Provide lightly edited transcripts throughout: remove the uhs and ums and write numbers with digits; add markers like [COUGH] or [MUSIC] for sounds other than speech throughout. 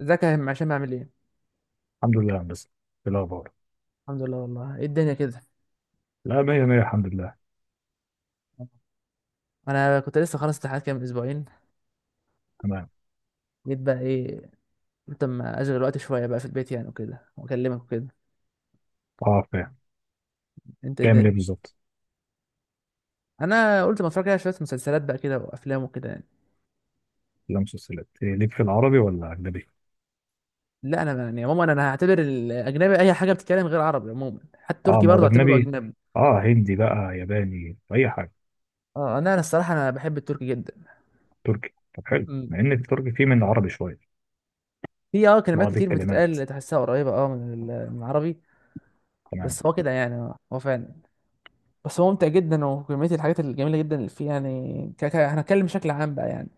ازيك يا هشام عشان اعمل ايه؟ الحمد لله يا هندسة. إيه الأخبار؟ الحمد لله والله. ايه الدنيا كده؟ لا، مية مية الحمد لله. انا كنت لسه خلاص امتحانات كام اسبوعين. تمام. جيت بقى ايه، قلت اما اشغل وقت شويه بقى في البيت يعني وكده واكلمك وكده. أه فاهم. انت ايه تعمل إيه الدنيا؟ بالظبط؟ انا قلت ما اتفرج على شويه مسلسلات بقى كده وافلام وكده يعني. لا مسلسلات إيه ليك، في العربي ولا أجنبي؟ لا انا يعني عموما انا هعتبر الاجنبي اي حاجه بتتكلم غير عربي عموما، حتى أه التركي ما هو برضه اعتبره الأجنبي. اجنبي. أه هندي بقى ياباني أي حاجة. اه انا الصراحه انا بحب التركي جدا. تركي، طب حلو، مم. مع إن التركي فيه من العربي شوية. في اه كلمات بعض كتير الكلمات. بتتقال تحسها قريبه اه من العربي. تمام. بس هو كده يعني هو فعلا. بس هو ممتع جدا وكمية الحاجات الجميلة جدا اللي فيه يعني هنتكلم بشكل عام بقى يعني.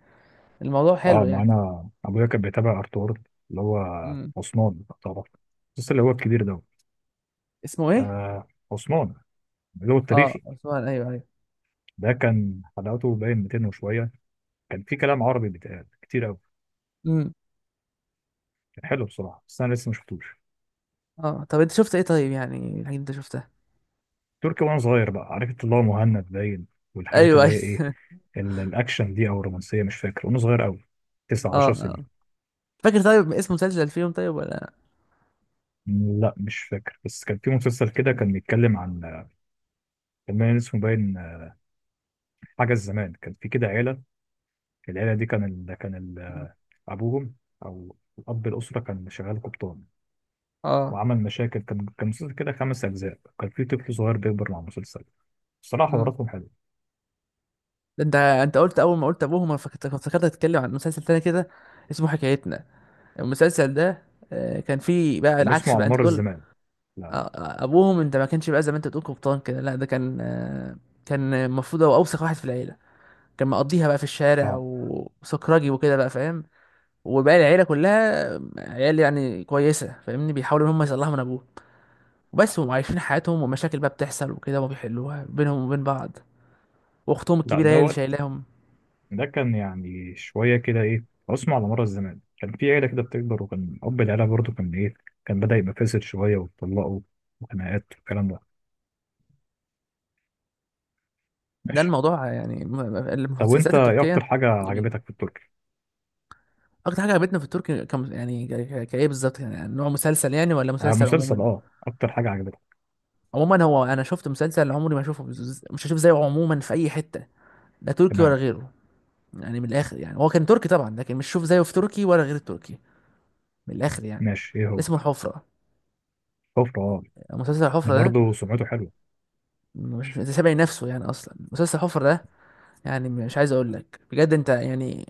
الموضوع أه حلو ما يعني. أنا أبويا كان بيتابع أرطغرل اللي هو امم، عثمان لو تعرف، المسلسل اللي هو الكبير ده. اسمه ايه؟ آه عثمان اللي هو اه التاريخي. عثمان، ايوه ايوه. ده كان حلقاته باين 200 وشوية. كان في كلام عربي بيتقال كتير أوي. امم. كان حلو بصراحة، بس أنا لسه ما شفتوش. اه طب انت شفت ايه طيب، يعني الحاجات اللي انت شفتها؟ تركي وانا صغير بقى عرفت اللي هو مهند باين، والحاجات ايوه اللي ايوه. هي ايه، الاكشن دي او الرومانسيه، مش فاكر وانا صغير قوي. [LAUGHS] تسع اه عشر اه. سنين فاكر طيب اسم مسلسل فيهم طيب ولا؟ لا مش فاكر، بس كان في مسلسل كده كان بيتكلم عن، كان باين اسمه باين حاجه الزمان. كان في كده عيله، العيله دي كان ال... كان ال... مم. آه، ابوهم او الاب، الاسره كان شغال قبطان اه. وعمل مشاكل. كان مسلسل كده خمس اجزاء، كان في طفل صغير بيكبر مع المسلسل. الصراحه امم. حواراتهم حلوه. ده انت قلت اول ما قلت ابوهم، انا فكرت كنت فكرت هتتكلم عن مسلسل تاني كده اسمه حكايتنا. المسلسل ده كان فيه بقى كان اسمه العكس بقى على انت مر بتقول. الزمان. لا لا. ابوهم انت ما كانش بقى زي ما انت بتقول قبطان كده، لا ده كان كان المفروض هو اوسخ واحد في العيله. كان مقضيها بقى في الشارع اه. وسكراجي وكده بقى فاهم. وباقي العيله كلها عيال يعني كويسه فاهمني، بيحاولوا ان هم يصلحوا من ابوه. وبس هم عايشين حياتهم ومشاكل بقى بتحصل وكده، وما بيحلوها بينهم وبين بعض. واختهم لا الكبيره هي اللي ده شايلاهم. ده كان يعني شوية كده إيه عصمة على مر الزمان. كان في عيلة كده بتكبر، وكان أب العيلة برضه كان إيه، كان بدأ يبقى فاسد شوية، واتطلقوا وخناقات والكلام ده. ده ماشي. الموضوع يعني طب وأنت المسلسلات إيه التركيه. أكتر حاجة جميله. عجبتك في التركي؟ اكتر حاجه عجبتنا في التركي كم يعني كايه بالظبط؟ يعني نوع مسلسل يعني ولا آه مسلسل مسلسل. عموما؟ أه أكتر حاجة عجبتك. عموما هو انا شفت مسلسل عمري ما اشوفه مش هشوف زيه عموما في اي حته، لا تركي ولا تمام. غيره. يعني من الاخر يعني هو كان تركي طبعا، لكن مش شوف زيه في تركي ولا غير التركي. من الاخر يعني. ماشي، إيه هو؟ اسمه الحفره. كفر أه. مسلسل ده الحفره ده برضه سمعته حلوة. مش سابع نفسه يعني اصلا مسلسل الحفره ده. يعني مش عايز اقول لك بجد انت يعني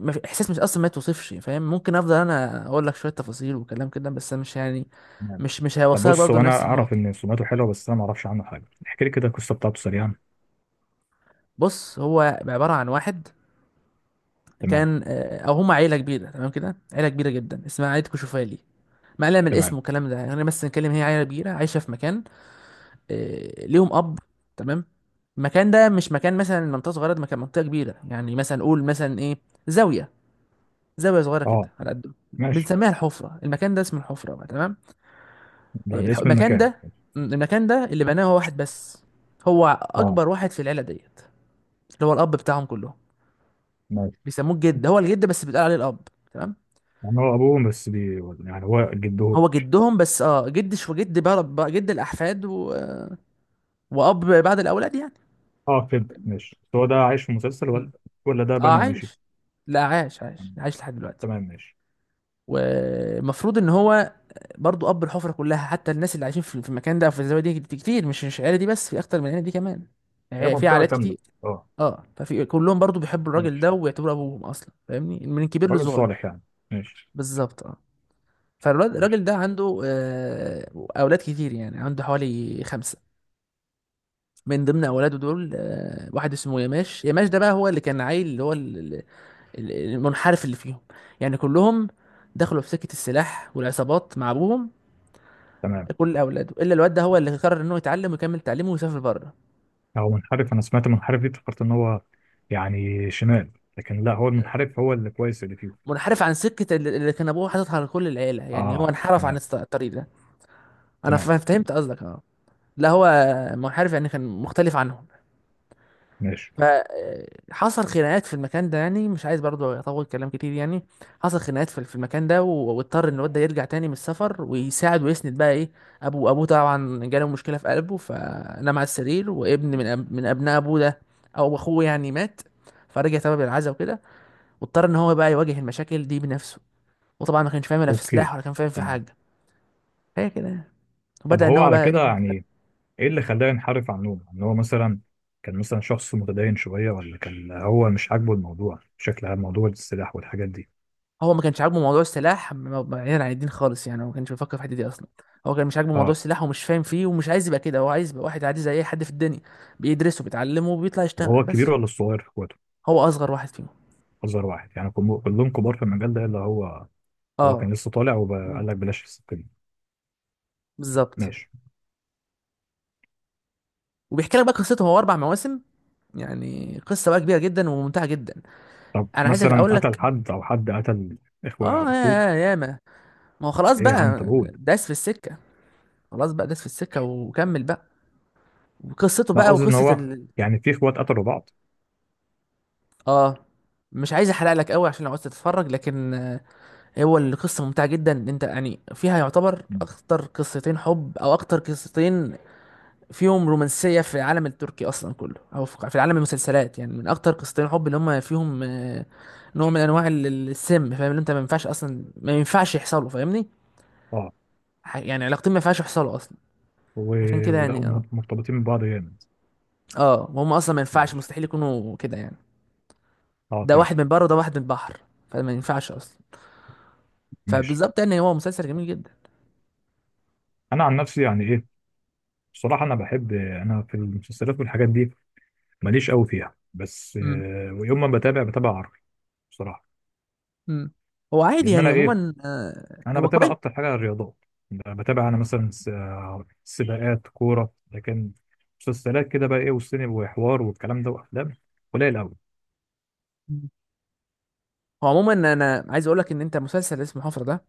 ما في- احساس مش اصلا ما توصفش فاهم، ممكن افضل انا اقول لك شويه تفاصيل وكلام كده بس أنا مش يعني تمام. مش طب هيوصلك بص برضه هو، أنا لنفس أعرف النقطه. إن سمعته حلوة، بس أنا معرفش عنه حاجة، احكي لي كده القصة بتاعته سريعا. بص هو عباره عن واحد تمام. كان او هم عيله كبيره تمام كده، عيله كبيره جدا اسمها عيله كشوفالي. ما قلنا من الاسم تمام. والكلام ده يعني، بس نتكلم هي عيله كبيره عايشه في مكان. ليهم اب. تمام. المكان ده مش مكان مثلا منطقه صغيره، ده مكان منطقه كبيره يعني، مثلا قول مثلا ايه، زاويه، زاويه صغيره كده أه. على قد ماشي. بنسميها الحفره. المكان ده اسمه الحفره بقى تمام. ده, ده اسم المكان المكان. ده المكان ده اللي بناه هو واحد بس، هو أه. اكبر واحد في العيله ديت، اللي هو الاب بتاعهم كلهم. ماشي. بيسموه الجد، هو الجد بس بيتقال عليه الاب. تمام. يعني هو أبوهم بس بي، يعني هو جدهم. هو جدهم بس اه جد شو جد بقى بقى جد الاحفاد واب بعد الاولاد يعني. اه فهمت ماشي، بس هو ده عايش في مسلسل، م. ولا ولا ده اه بنى ومشي؟ عايش. لا عايش عايش عايش لحد دلوقتي. تمام ماشي. والمفروض ان هو برضو اب الحفره كلها، حتى الناس اللي عايشين في المكان ده او في الزاويه دي كتير، مش مش العيله دي بس، في اكتر من العيله دي كمان. هي يعني في منطقة عائلات كاملة. كتير. اه. اه ففي كلهم برضو بيحبوا الراجل ده ماشي. ويعتبروا ابوهم اصلا فاهمني، من الكبير راجل للصغير. صالح يعني. ماشي. بالظبط اه. ماشي. فالراجل ده عنده اولاد كتير يعني، عنده حوالي خمسه. من ضمن اولاده دول واحد اسمه يماش، يماش ده بقى هو اللي كان عيل اللي هو المنحرف اللي فيهم. يعني كلهم دخلوا في سكة السلاح والعصابات مع ابوهم. تمام. كل اولاده الا الواد ده، هو اللي قرر انه يتعلم ويكمل تعليمه ويسافر بره. هو منحرف، انا سمعت منحرف دي افتكرت ان هو، يعني شمال، لكن لا هو المنحرف هو اللي كويس اللي فيه. منحرف عن سكة اللي كان ابوه حاططها لكل العيلة، يعني هو اه. انحرف عن تمام. الطريق ده. انا تمام. فهمت قصدك اه. لا هو منحرف يعني كان مختلف عنهم. ماشي. فحصل خناقات في المكان ده، يعني مش عايز برضه اطول كلام كتير يعني. حصل خناقات في المكان ده واضطر ان الواد ده يرجع تاني من السفر ويساعد ويسند بقى ايه ابوه. ابوه طبعا جاله مشكله في قلبه فنام على السرير، وابن من ابناء ابوه ده او اخوه يعني مات. فرجع تبع بالعزا وكده، واضطر ان هو بقى يواجه المشاكل دي بنفسه. وطبعا ما كانش فاهم لا في اوكي. سلاح ولا كان فاهم في تمام. حاجه. هي كده يعني. طب وبدا ان هو هو على بقى ايه. كده يعني، ايه اللي خلاه ينحرف عن نومه، ان هو مثلا كان مثلا شخص متدين شوية، ولا كان هو مش عاجبه الموضوع بشكل عام، موضوع السلاح والحاجات دي؟ هو ما كانش عاجبه موضوع السلاح بعيدا عن الدين خالص يعني، هو ما كانش بيفكر في الحته دي اصلا. هو كان مش عاجبه موضوع اه. السلاح ومش فاهم فيه ومش عايز يبقى كده، هو عايز يبقى واحد عادي زي اي حد في الدنيا، بيدرسه بيتعلمه وبيطلع طب هو يشتغل الكبير بس. ولا الصغير في اخواته؟ هو اصغر واحد فيهم. اصغر واحد، يعني كلهم كبار في المجال ده اللي هو، هو كان اه. لسه طالع مم، وقال لك بلاش السكه دي. بالظبط. ماشي. وبيحكي لك بقى قصته، هو اربع مواسم، يعني قصه بقى كبيره جدا وممتعه جدا. طب انا عايزك مثلا اقول قتل لك حد او حد قتل اخوه؟ اه اخوه؟ يا يا ياما، ما هو خلاص ايه يا عم بقى طب قول. داس في السكه، خلاص بقى داس في السكه وكمل بقى. وقصته لا بقى قصدي ان وقصه هو، يعني في اخوات قتلوا بعض؟ اه مش عايز احرق لك قوي عشان لو عايز تتفرج، لكن هو القصة ممتعة جدا، إن انت يعني فيها يعتبر ماشي. اكتر قصتين حب، او اكتر قصتين فيهم رومانسية في العالم التركي اصلا كله، او في عالم المسلسلات يعني. من اكتر قصتين حب اللي هم فيهم نوع من انواع السم فاهم، اللي انت ما ينفعش اصلا ما ينفعش يحصلوا فاهمني. اه. يعني علاقتين ما ينفعش يحصلوا اصلا. و... عشان كده ولقوا يعني اه. م- مرتبطين ببعض جامد. اه وهم اصلا ما ينفعش ماشي. مستحيل يكونوا كده يعني. اه ده واحد فهمت. من بره وده واحد من البحر، فما ينفعش اصلا. ماشي. فبالظبط يعني هو مسلسل جميل جدا. انا عن نفسي يعني ايه، بصراحه انا بحب، انا في المسلسلات والحاجات دي ماليش قوي فيها، بس ويوم ما بتابع بتابع عربي بصراحه. مم. هو عادي لان يعني انا ايه، عموما، انا هو بتابع كويس. اكتر حاجه الرياضات. يعني بتابع انا مثلا سباقات كوره، لكن مسلسلات كده بقى ايه والسينما وحوار والكلام ده وافلام، قليل قوي. مم. هو عموما انا عايز اقول لك ان انت مسلسل اسمه حفرة ده،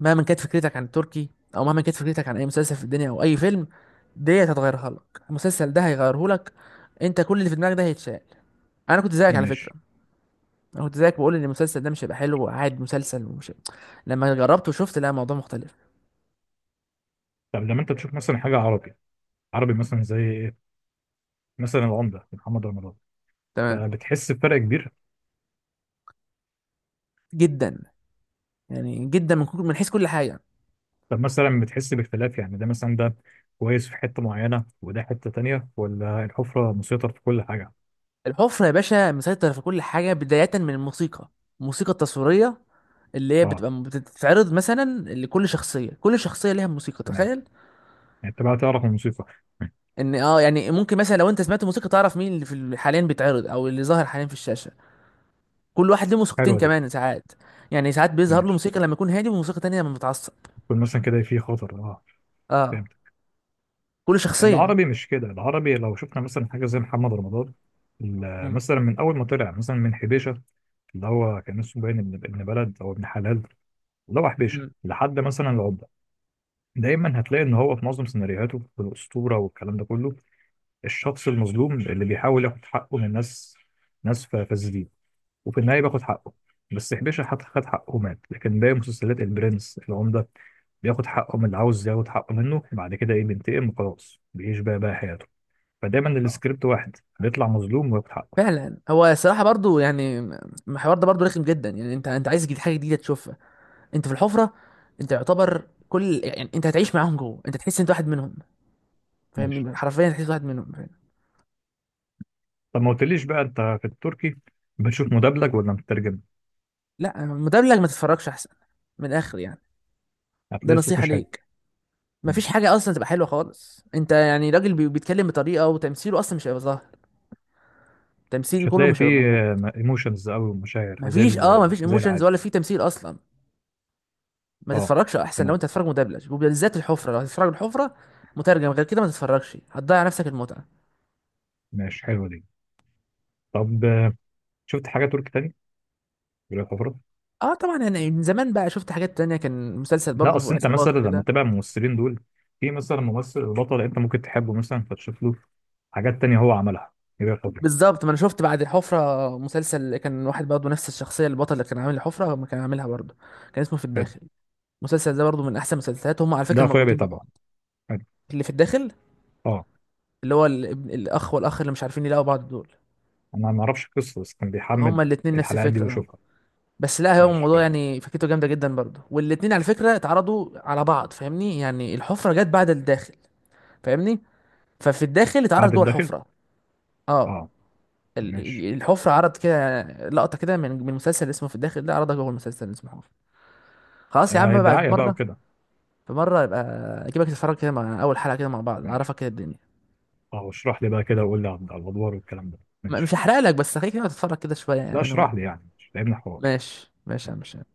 مهما كانت فكرتك عن التركي، او مهما كانت فكرتك عن اي مسلسل في الدنيا او اي فيلم، دي هتتغيرها لك، المسلسل ده هيغيره لك. انت كل اللي في دماغك ده هيتشال. انا كنت زيك على ماشي. فكرة. انا كنت زيك بقول ان المسلسل ده مش هيبقى حلو وقاعد مسلسل ومش. لما جربته وشفت لا الموضوع مختلف. طب لما انت تشوف مثلا حاجه عربي، عربي مثلا زي ايه، مثلا العمده محمد رمضان، تمام فبتحس بفرق كبير. جدا، يعني جدا من من حيث كل حاجة. طب مثلا بتحس باختلاف، يعني ده مثلا ده كويس في حته معينه وده حته تانية، ولا الحفره مسيطر في كل حاجه؟ الحفرة يا باشا مسيطر في كل حاجة، بداية من الموسيقى. الموسيقى التصويرية اللي هي اه. بتبقى بتتعرض مثلا لكل شخصيه، كل شخصيه ليها موسيقى تمام. تخيل. يعني انت بقى تعرف الموسيقى. ان اه يعني ممكن مثلا لو انت سمعت موسيقى تعرف مين اللي في حاليا بيتعرض او اللي ظاهر حاليا في الشاشه. كل واحد له موسيقتين حلوه دي. كمان ساعات، يعني ساعات بيظهر له ماشي. موسيقى لما يكون هادي وموسيقى تانية لما بيتعصب. يكون مثلا كده في خطر اه. اه فهمت. كل شخصيه. العربي مش كده. العربي لو شفنا مثلا حاجة زي محمد رمضان، مم. مثلا من أول ما طلع مثلا من حبيشة، اللي هو كان اسمه باين ابن بلد أو ابن حلال، اللي هو حبيشة مم. لحد مثلا العبدة، دايما هتلاقي إن هو في معظم سيناريوهاته في الأسطورة والكلام ده كله، الشخص المظلوم اللي بيحاول ياخد حقه من ناس، فاسدين، وفي النهاية بياخد حقه. بس حبيشة خد حقه ومات. لكن باقي مسلسلات البرنس العمدة، بياخد حقه من اللي عاوز ياخد حقه منه، بعد كده إيه بينتقم وخلاص بيعيش بقى حياته. فدايما آه. السكريبت واحد، بيطلع مظلوم وياخد حقه. فعلا هو صراحة برضو يعني الحوار ده برضو رخم جدا، يعني انت عايز جديد حاجة جديدة تشوفها. انت في الحفرة، انت يعتبر كل يعني انت هتعيش معاهم جوه، انت تحس انت واحد منهم، ماشي. فاهمني حرفيا تحس واحد منهم. طب ما قلتليش بقى، انت في التركي بتشوف مدبلج ولا مترجم؟ لا مدبلج ما تتفرجش احسن، من الاخر يعني، ده هتلاقي الصوت نصيحة مش حلو. ليك. مم. مفيش حاجة اصلا تبقى حلوة خالص، انت يعني راجل بيتكلم بطريقة وتمثيله اصلا مش هيبقى ظاهر. التمثيل مش كله هتلاقي مش هيبقى فيه موجود. ايموشنز او مشاعر زي مفيش اه مفيش زي ايموشنز العادي. ولا في تمثيل اصلا. ما اه. تتفرجش احسن لو تمام. انت هتتفرج مدبلج، وبالذات الحفرة لو هتتفرج الحفرة مترجم، غير كده ما تتفرجش هتضيع نفسك المتعة. ماشي، حلوه دي. طب شفت حاجه تركي تاني غير الحفرات؟ اه طبعا انا من زمان بقى شفت حاجات تانية، كان مسلسل لا برضه اصل انت مثلا عصابات لما وكده. تتابع الممثلين دول، في مثلا ممثل البطل انت ممكن تحبه، مثلا فتشوف له حاجات تانية هو عملها غير الحفرة. بالظبط، ما انا شفت بعد الحفرة مسلسل كان واحد برضه نفس الشخصية البطل اللي كان عامل الحفرة ما كان عاملها برضه. كان اسمه في حلو. الداخل. المسلسل ده برضو من احسن المسلسلات، هم على فكره ده اخويا مربوطين بيتابعه. ببعض. حلو. اللي في الداخل اه. اللي هو الابن الاخ والاخ اللي مش عارفين يلاقوا بعض دول. انا ما اعرفش القصه، بس كان بيحمل هما الاتنين نفس الحلقات دي الفكره اه. ويشوفها. بس لا هو ماشي الموضوع حلو. يعني فكرته جامده جدا برضو، والاتنين على فكره اتعرضوا على بعض فاهمني، يعني الحفره جت بعد الداخل فاهمني. ففي الداخل اتعرض بعد جوه الداخل. الحفره. اه. اه. ماشي. ال- الحفره عرض كده لقطه كده من مسلسل اسمه في الداخل ده، عرضها جوه المسلسل اللي اسمه حفره. خلاص يا آه عم بقى، في دعاية بقى مره، وكده. في مره يبقى اجيبك تتفرج كده مع اول حلقه كده مع بعض ماشي. اعرفك كده الدنيا. اه اشرح لي بقى كده، وقول لي على الادوار والكلام ده. مش ماشي. هحرق لك بس خليك كده تتفرج كده شويه لا يعني انا اشرح وانت. لي، يعني مش لعبنا حوار. ماشي ماشي يا عم هشام.